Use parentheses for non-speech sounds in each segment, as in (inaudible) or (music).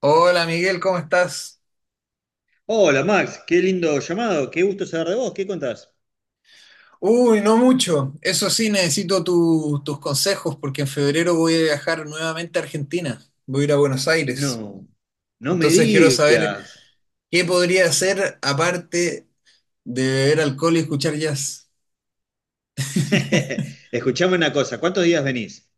Hola Miguel, ¿cómo estás? Hola Max, qué lindo llamado, qué gusto saber de vos, ¿qué contás? Uy, no mucho. Eso sí, necesito tus consejos porque en febrero voy a viajar nuevamente a Argentina. Voy a ir a Buenos Aires. No, no me Entonces quiero saber digas. qué podría hacer aparte de beber alcohol y escuchar jazz (laughs) Escuchame una cosa, ¿cuántos días venís?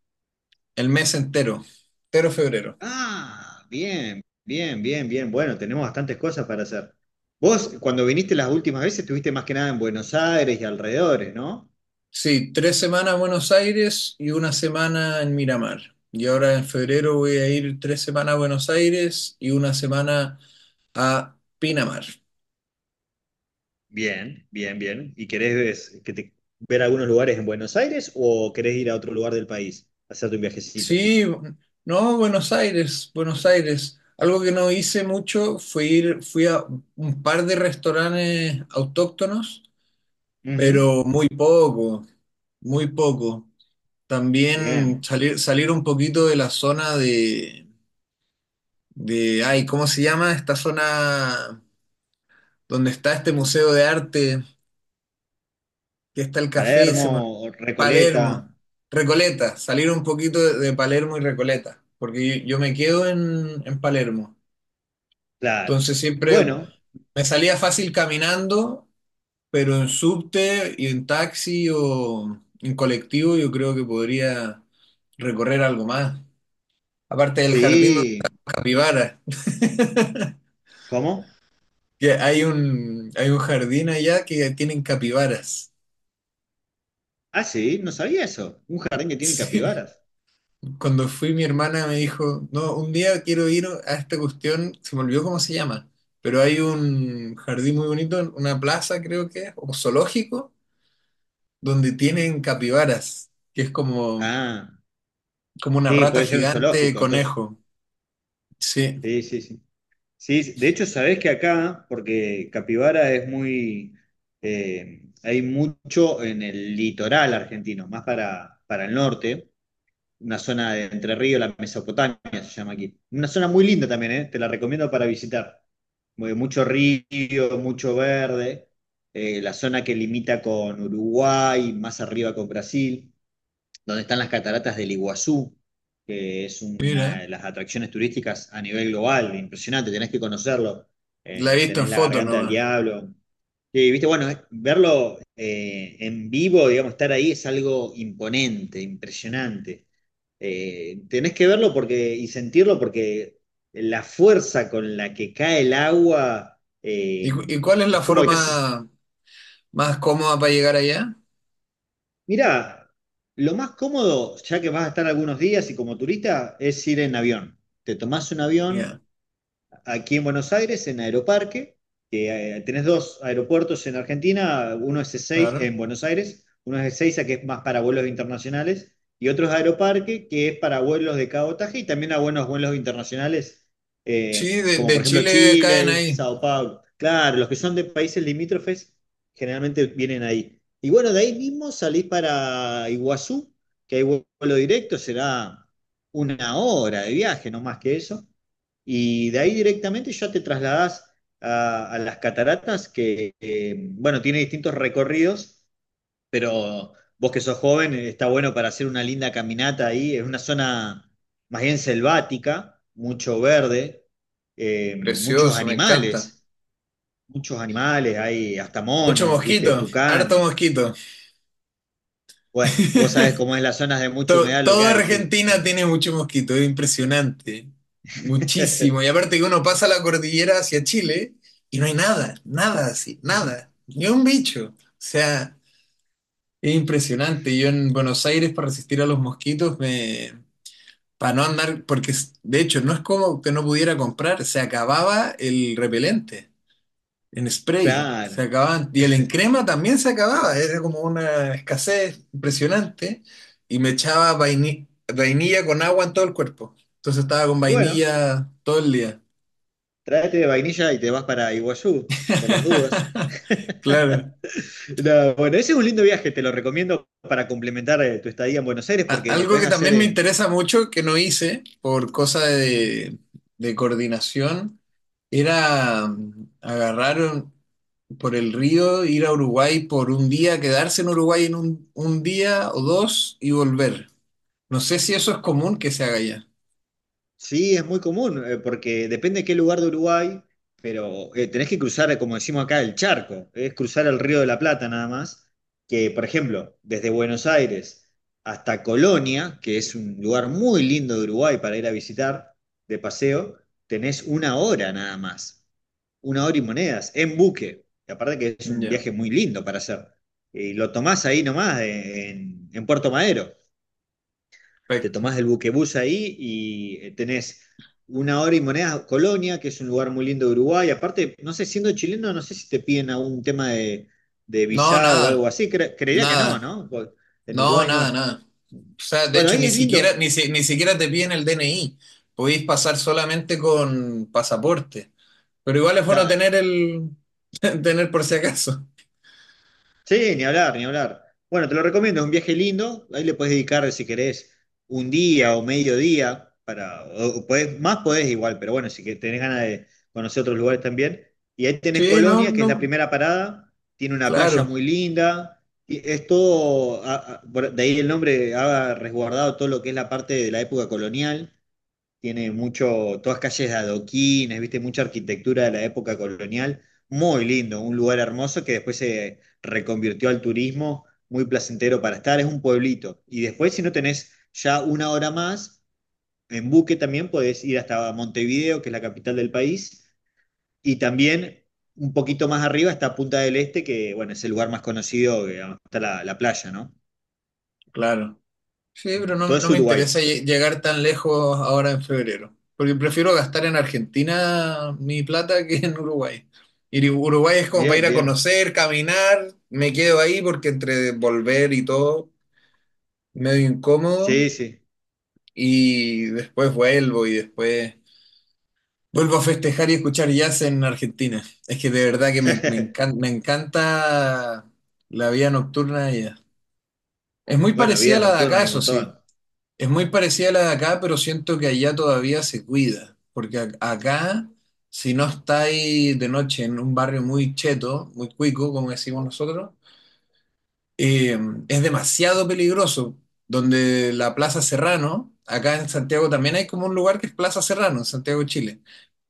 el mes entero, entero febrero. Ah, bien, bien, bien, bien. Bueno, tenemos bastantes cosas para hacer. Vos, cuando viniste las últimas veces, estuviste más que nada en Buenos Aires y alrededores, ¿no? Sí, tres semanas en Buenos Aires y una semana en Miramar. Y ahora en febrero voy a ir tres semanas a Buenos Aires y una semana a Pinamar. Bien, bien, bien. ¿Y querés ver algunos lugares en Buenos Aires o querés ir a otro lugar del país, hacerte un viajecito? Sí, no, Buenos Aires, Buenos Aires. Algo que no hice mucho fue fui a un par de restaurantes autóctonos, Ujú, pero muy poco, muy poco. También bien. Salir un poquito de la zona de, ay, ¿cómo se llama? Esta zona donde está este museo de arte, que está el café, Palermo, Recoleta. Palermo, Recoleta, salir un poquito de Palermo y Recoleta, porque yo me quedo en Palermo. Claro. Entonces siempre Bueno, me salía fácil caminando, pero en subte y en taxi o en colectivo yo creo que podría recorrer algo más. Aparte del jardín de sí. las capibaras, ¿Cómo? que hay un jardín allá que tienen capibaras. (laughs) Ah, sí, no sabía eso. Un jardín que tiene Sí. capibaras. Cuando fui mi hermana me dijo, no, un día quiero ir a esta cuestión, se me olvidó cómo se llama, pero hay un jardín muy bonito, una plaza creo que es, o zoológico donde tienen capibaras, que es Ah, como una sí, rata puede ser un gigante zoológico, entonces. conejo. Sí, Sí, sí, sí. Sí, sí. De hecho, sabés que acá, porque capibara es muy. Hay mucho en el litoral argentino, más para el norte. Una zona de Entre Ríos, la Mesopotamia se llama aquí. Una zona muy linda también, ¿eh? Te la recomiendo para visitar. Mucho río, mucho verde, la zona que limita con Uruguay, más arriba con Brasil, donde están las cataratas del Iguazú, que es mira, una de las atracciones turísticas a nivel global, impresionante, tenés que conocerlo. la he visto en Tenés la foto Garganta del nomás. Diablo. Sí, viste, bueno, verlo en vivo, digamos, estar ahí es algo imponente, impresionante. Tenés que verlo porque, y sentirlo porque la fuerza con la que cae el agua ¿Y, eh, y cuál es la es como que te haces. forma más cómoda para llegar allá? Mira, lo más cómodo, ya que vas a estar algunos días y como turista, es ir en avión. Te tomás un Ya, avión aquí en Buenos Aires, en Aeroparque, que tenés dos aeropuertos en Argentina, uno es Ezeiza, claro. en Buenos Aires, uno es Ezeiza, que es más para vuelos internacionales, y otro es Aeroparque, que es para vuelos de cabotaje y también a buenos vuelos internacionales, Sí, como por de ejemplo Chile caen Chile, ahí. Sao Paulo. Claro, los que son de países limítrofes generalmente vienen ahí. Y bueno, de ahí mismo salís para Iguazú, que hay vuelo directo, será una hora de viaje, no más que eso. Y de ahí directamente ya te trasladás a las cataratas, que, bueno, tiene distintos recorridos, pero vos que sos joven, está bueno para hacer una linda caminata ahí. Es una zona más bien selvática, mucho verde, eh, muchos Precioso, me encanta. animales, muchos animales, hay hasta Mucho monos, viste, mosquito, harto tucanes. mosquito. Bueno, vos sabés (laughs) cómo es las zonas de mucha humedad lo que Todo hay, sí, Argentina sí. tiene mucho mosquito, es impresionante. Muchísimo. Y (laughs) aparte que uno pasa la cordillera hacia Chile y no hay nada, nada así, nada. Ni un bicho. O sea, es impresionante. Yo en Buenos Aires para resistir a los mosquitos me... Para no andar, porque de hecho no es como que no pudiera comprar, se acababa el repelente en spray, se Claro. acababan, y el en crema también se acababa, era como una escasez impresionante, y me echaba vainilla con agua en todo el cuerpo, entonces estaba con Y bueno, vainilla todo el día. tráete de vainilla y te vas para Iguazú, por las dudas. (laughs) (laughs) Claro. No, bueno, ese es un lindo viaje, te lo recomiendo para complementar tu estadía en Buenos Aires porque lo Algo puedes que hacer también me en. interesa mucho, que no hice por cosa de coordinación, era por el río, ir a Uruguay por un día, quedarse en Uruguay en un día o dos y volver. No sé si eso es común que se haga ya. Sí, es muy común, porque depende de qué lugar de Uruguay, pero tenés que cruzar, como decimos acá, el charco, es cruzar el Río de la Plata nada más, que por ejemplo, desde Buenos Aires hasta Colonia, que es un lugar muy lindo de Uruguay para ir a visitar de paseo, tenés una hora nada más, una hora y monedas, en buque, y aparte que es un Ya. viaje muy lindo para hacer, y lo tomás ahí nomás, en Puerto Madero te Perfecto. tomás el buquebús ahí y tenés una hora y monedas a Colonia, que es un lugar muy lindo de Uruguay. Aparte, no sé, siendo chileno, no sé si te piden algún tema de No, visado o algo nada, así. Creería que no, nada. ¿no? Porque en No, Uruguay nada, no. nada. O sea, de Bueno, hecho, ahí ni es siquiera, lindo. ni, ni siquiera te piden el DNI. Podéis pasar solamente con pasaporte. Pero igual es bueno Claro. tener el. (laughs) Tener por si acaso. Sí, ni hablar, ni hablar. Bueno, te lo recomiendo, es un viaje lindo. Ahí le puedes dedicar, si querés, un día o medio día. Para, o más podés igual, pero bueno, si que tenés ganas de conocer otros lugares también. Y ahí tenés Sí, no, Colonia, que es la no, primera parada. Tiene una playa claro, muy linda. Y es todo, de ahí el nombre ha resguardado todo lo que es la parte de la época colonial. Tiene mucho, todas calles de adoquines, viste, mucha arquitectura de la época colonial, muy lindo, un lugar hermoso que después se reconvirtió al turismo, muy placentero para estar, es un pueblito. Y después, si no tenés ya una hora más, en buque también podés ir hasta Montevideo, que es la capital del país, y también un poquito más arriba está Punta del Este, que bueno, es el lugar más conocido, que digamos, está la playa, ¿no? claro. Sí, pero Mm, no, todo es no me Uruguay. interesa llegar tan lejos ahora en febrero. Porque prefiero gastar en Argentina mi plata que en Uruguay. Y Uruguay es como para Bien, ir a bien. conocer, caminar, me quedo ahí porque entre volver y todo, medio incómodo. Sí, sí. Y después vuelvo y después vuelvo a festejar y escuchar jazz en Argentina. Es que de verdad que (laughs) me encanta la vida nocturna de allá. Es muy Bueno, parecida a vida la de nocturna acá, hay un eso sí. montón. Es muy parecida a la de acá, pero siento que allá todavía se cuida. Porque acá, si no estáis de noche en un barrio muy cheto, muy cuico, como decimos nosotros, eh, es demasiado peligroso. Donde la Plaza Serrano, acá en Santiago también hay como un lugar que es Plaza Serrano, en Santiago, Chile.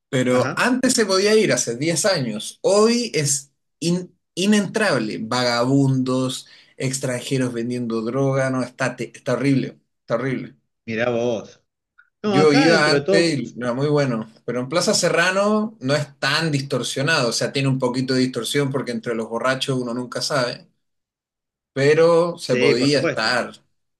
Pero Ajá, antes se podía ir, hace 10 años. Hoy es inentrable. Vagabundos, extranjeros vendiendo droga, no, está horrible, está horrible. mirá vos. No, Yo acá iba dentro de antes todo, y era muy bueno, pero en Plaza Serrano no es tan distorsionado, o sea, tiene un poquito de distorsión porque entre los borrachos uno nunca sabe, pero se sí, por podía supuesto. estar,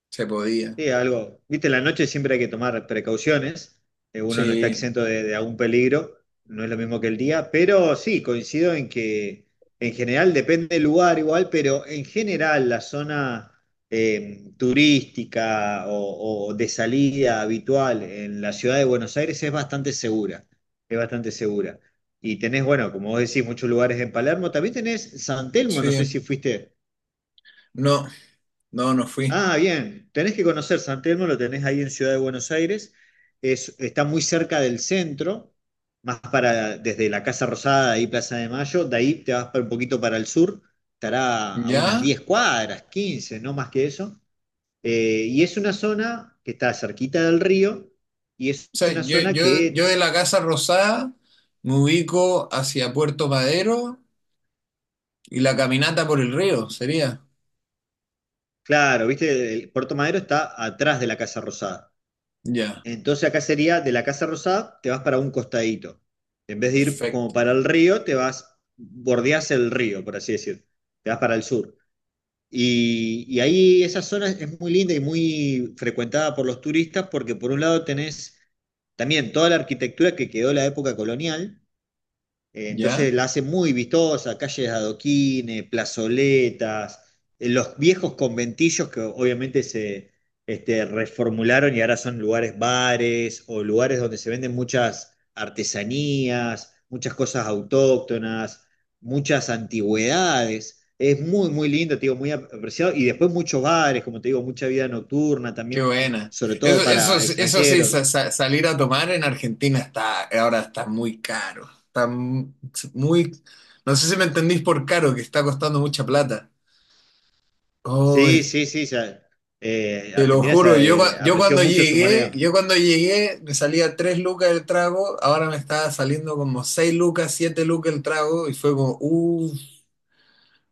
se podía. Sí, algo. Viste, en la noche siempre hay que tomar precauciones. Uno no está Sí, exento de algún peligro. No es lo mismo que el día. Pero sí, coincido en que en general depende del lugar igual, pero en general la zona turística o de salida habitual en la ciudad de Buenos Aires es bastante segura. Es bastante segura. Y tenés, bueno, como vos decís, muchos lugares en Palermo. También tenés San Telmo, no sé si sí. fuiste. No, no, no fui. Ah, bien. Tenés que conocer San Telmo, lo tenés ahí en Ciudad de Buenos Aires. Está muy cerca del centro, más para desde la Casa Rosada, ahí Plaza de Mayo. De ahí te vas para un poquito para el sur. Estará a unas ¿Ya? 10 cuadras, 15, no más que eso. Y es una zona que está cerquita del río y es O sea, una zona yo que, de la Casa Rosada me ubico hacia Puerto Madero y la caminata por el río sería. claro, viste, el Puerto Madero está atrás de la Casa Rosada. Ya, Entonces acá sería de la Casa Rosada, te vas para un costadito. En vez de ir como perfecto. para el río, te vas, bordeas el río, por así decir. Te vas para el sur. Y ahí esa zona es muy linda y muy frecuentada por los turistas porque por un lado tenés también toda la arquitectura que quedó de la época colonial, ¿Ya? entonces la hace muy vistosa, calles de adoquines, plazoletas, los viejos conventillos que obviamente se reformularon y ahora son lugares bares o lugares donde se venden muchas artesanías, muchas cosas autóctonas, muchas antigüedades. Es muy, muy lindo, te digo, muy apreciado. Y después muchos bares, como te digo, mucha vida nocturna Qué también, buena. sobre Eso, todo para eso sí, extranjeros. Salir a tomar en Argentina está, ahora está muy caro. Está muy, no sé si me entendís por caro, que está costando mucha plata. Sí, Uy. sí, sí. Te lo Argentina juro, se apreció mucho su moneda. yo cuando llegué me salía 3 lucas el trago, ahora me estaba saliendo como 6 lucas, 7 lucas el trago y fue como,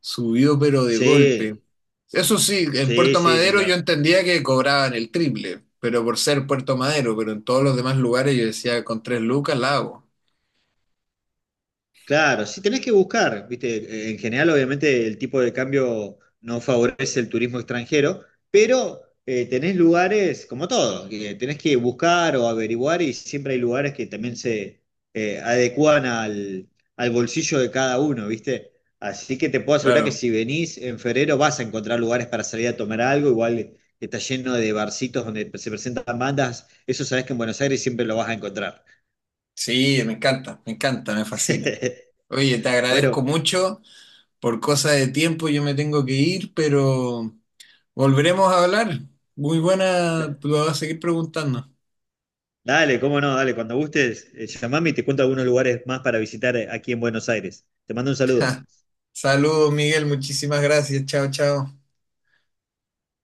subió pero de golpe. Sí, Eso sí, en sí, Puerto sí, ni Madero yo hablar. entendía que cobraban el triple, pero por ser Puerto Madero, pero en todos los demás lugares yo decía, con 3 lucas la hago. Claro, sí tenés que buscar, viste, en general obviamente el tipo de cambio no favorece el turismo extranjero, pero tenés lugares como todo, que tenés que buscar o averiguar y siempre hay lugares que también se adecúan al bolsillo de cada uno, viste. Así que te puedo asegurar que Claro. si venís en febrero vas a encontrar lugares para salir a tomar algo, igual está lleno de barcitos donde se presentan bandas, eso sabés que en Buenos Aires siempre lo vas a encontrar. Sí, me encanta, me encanta, me fascina. (laughs) Oye, te agradezco Bueno. mucho, por cosa de tiempo yo me tengo que ir, pero... Volveremos a hablar. Muy buena, tú lo vas a seguir preguntando. Dale, cómo no, dale, cuando gustes, llamame y te cuento algunos lugares más para visitar aquí en Buenos Aires. Te mando un saludo. (laughs) Saludos, Miguel, muchísimas gracias. Chao, chao.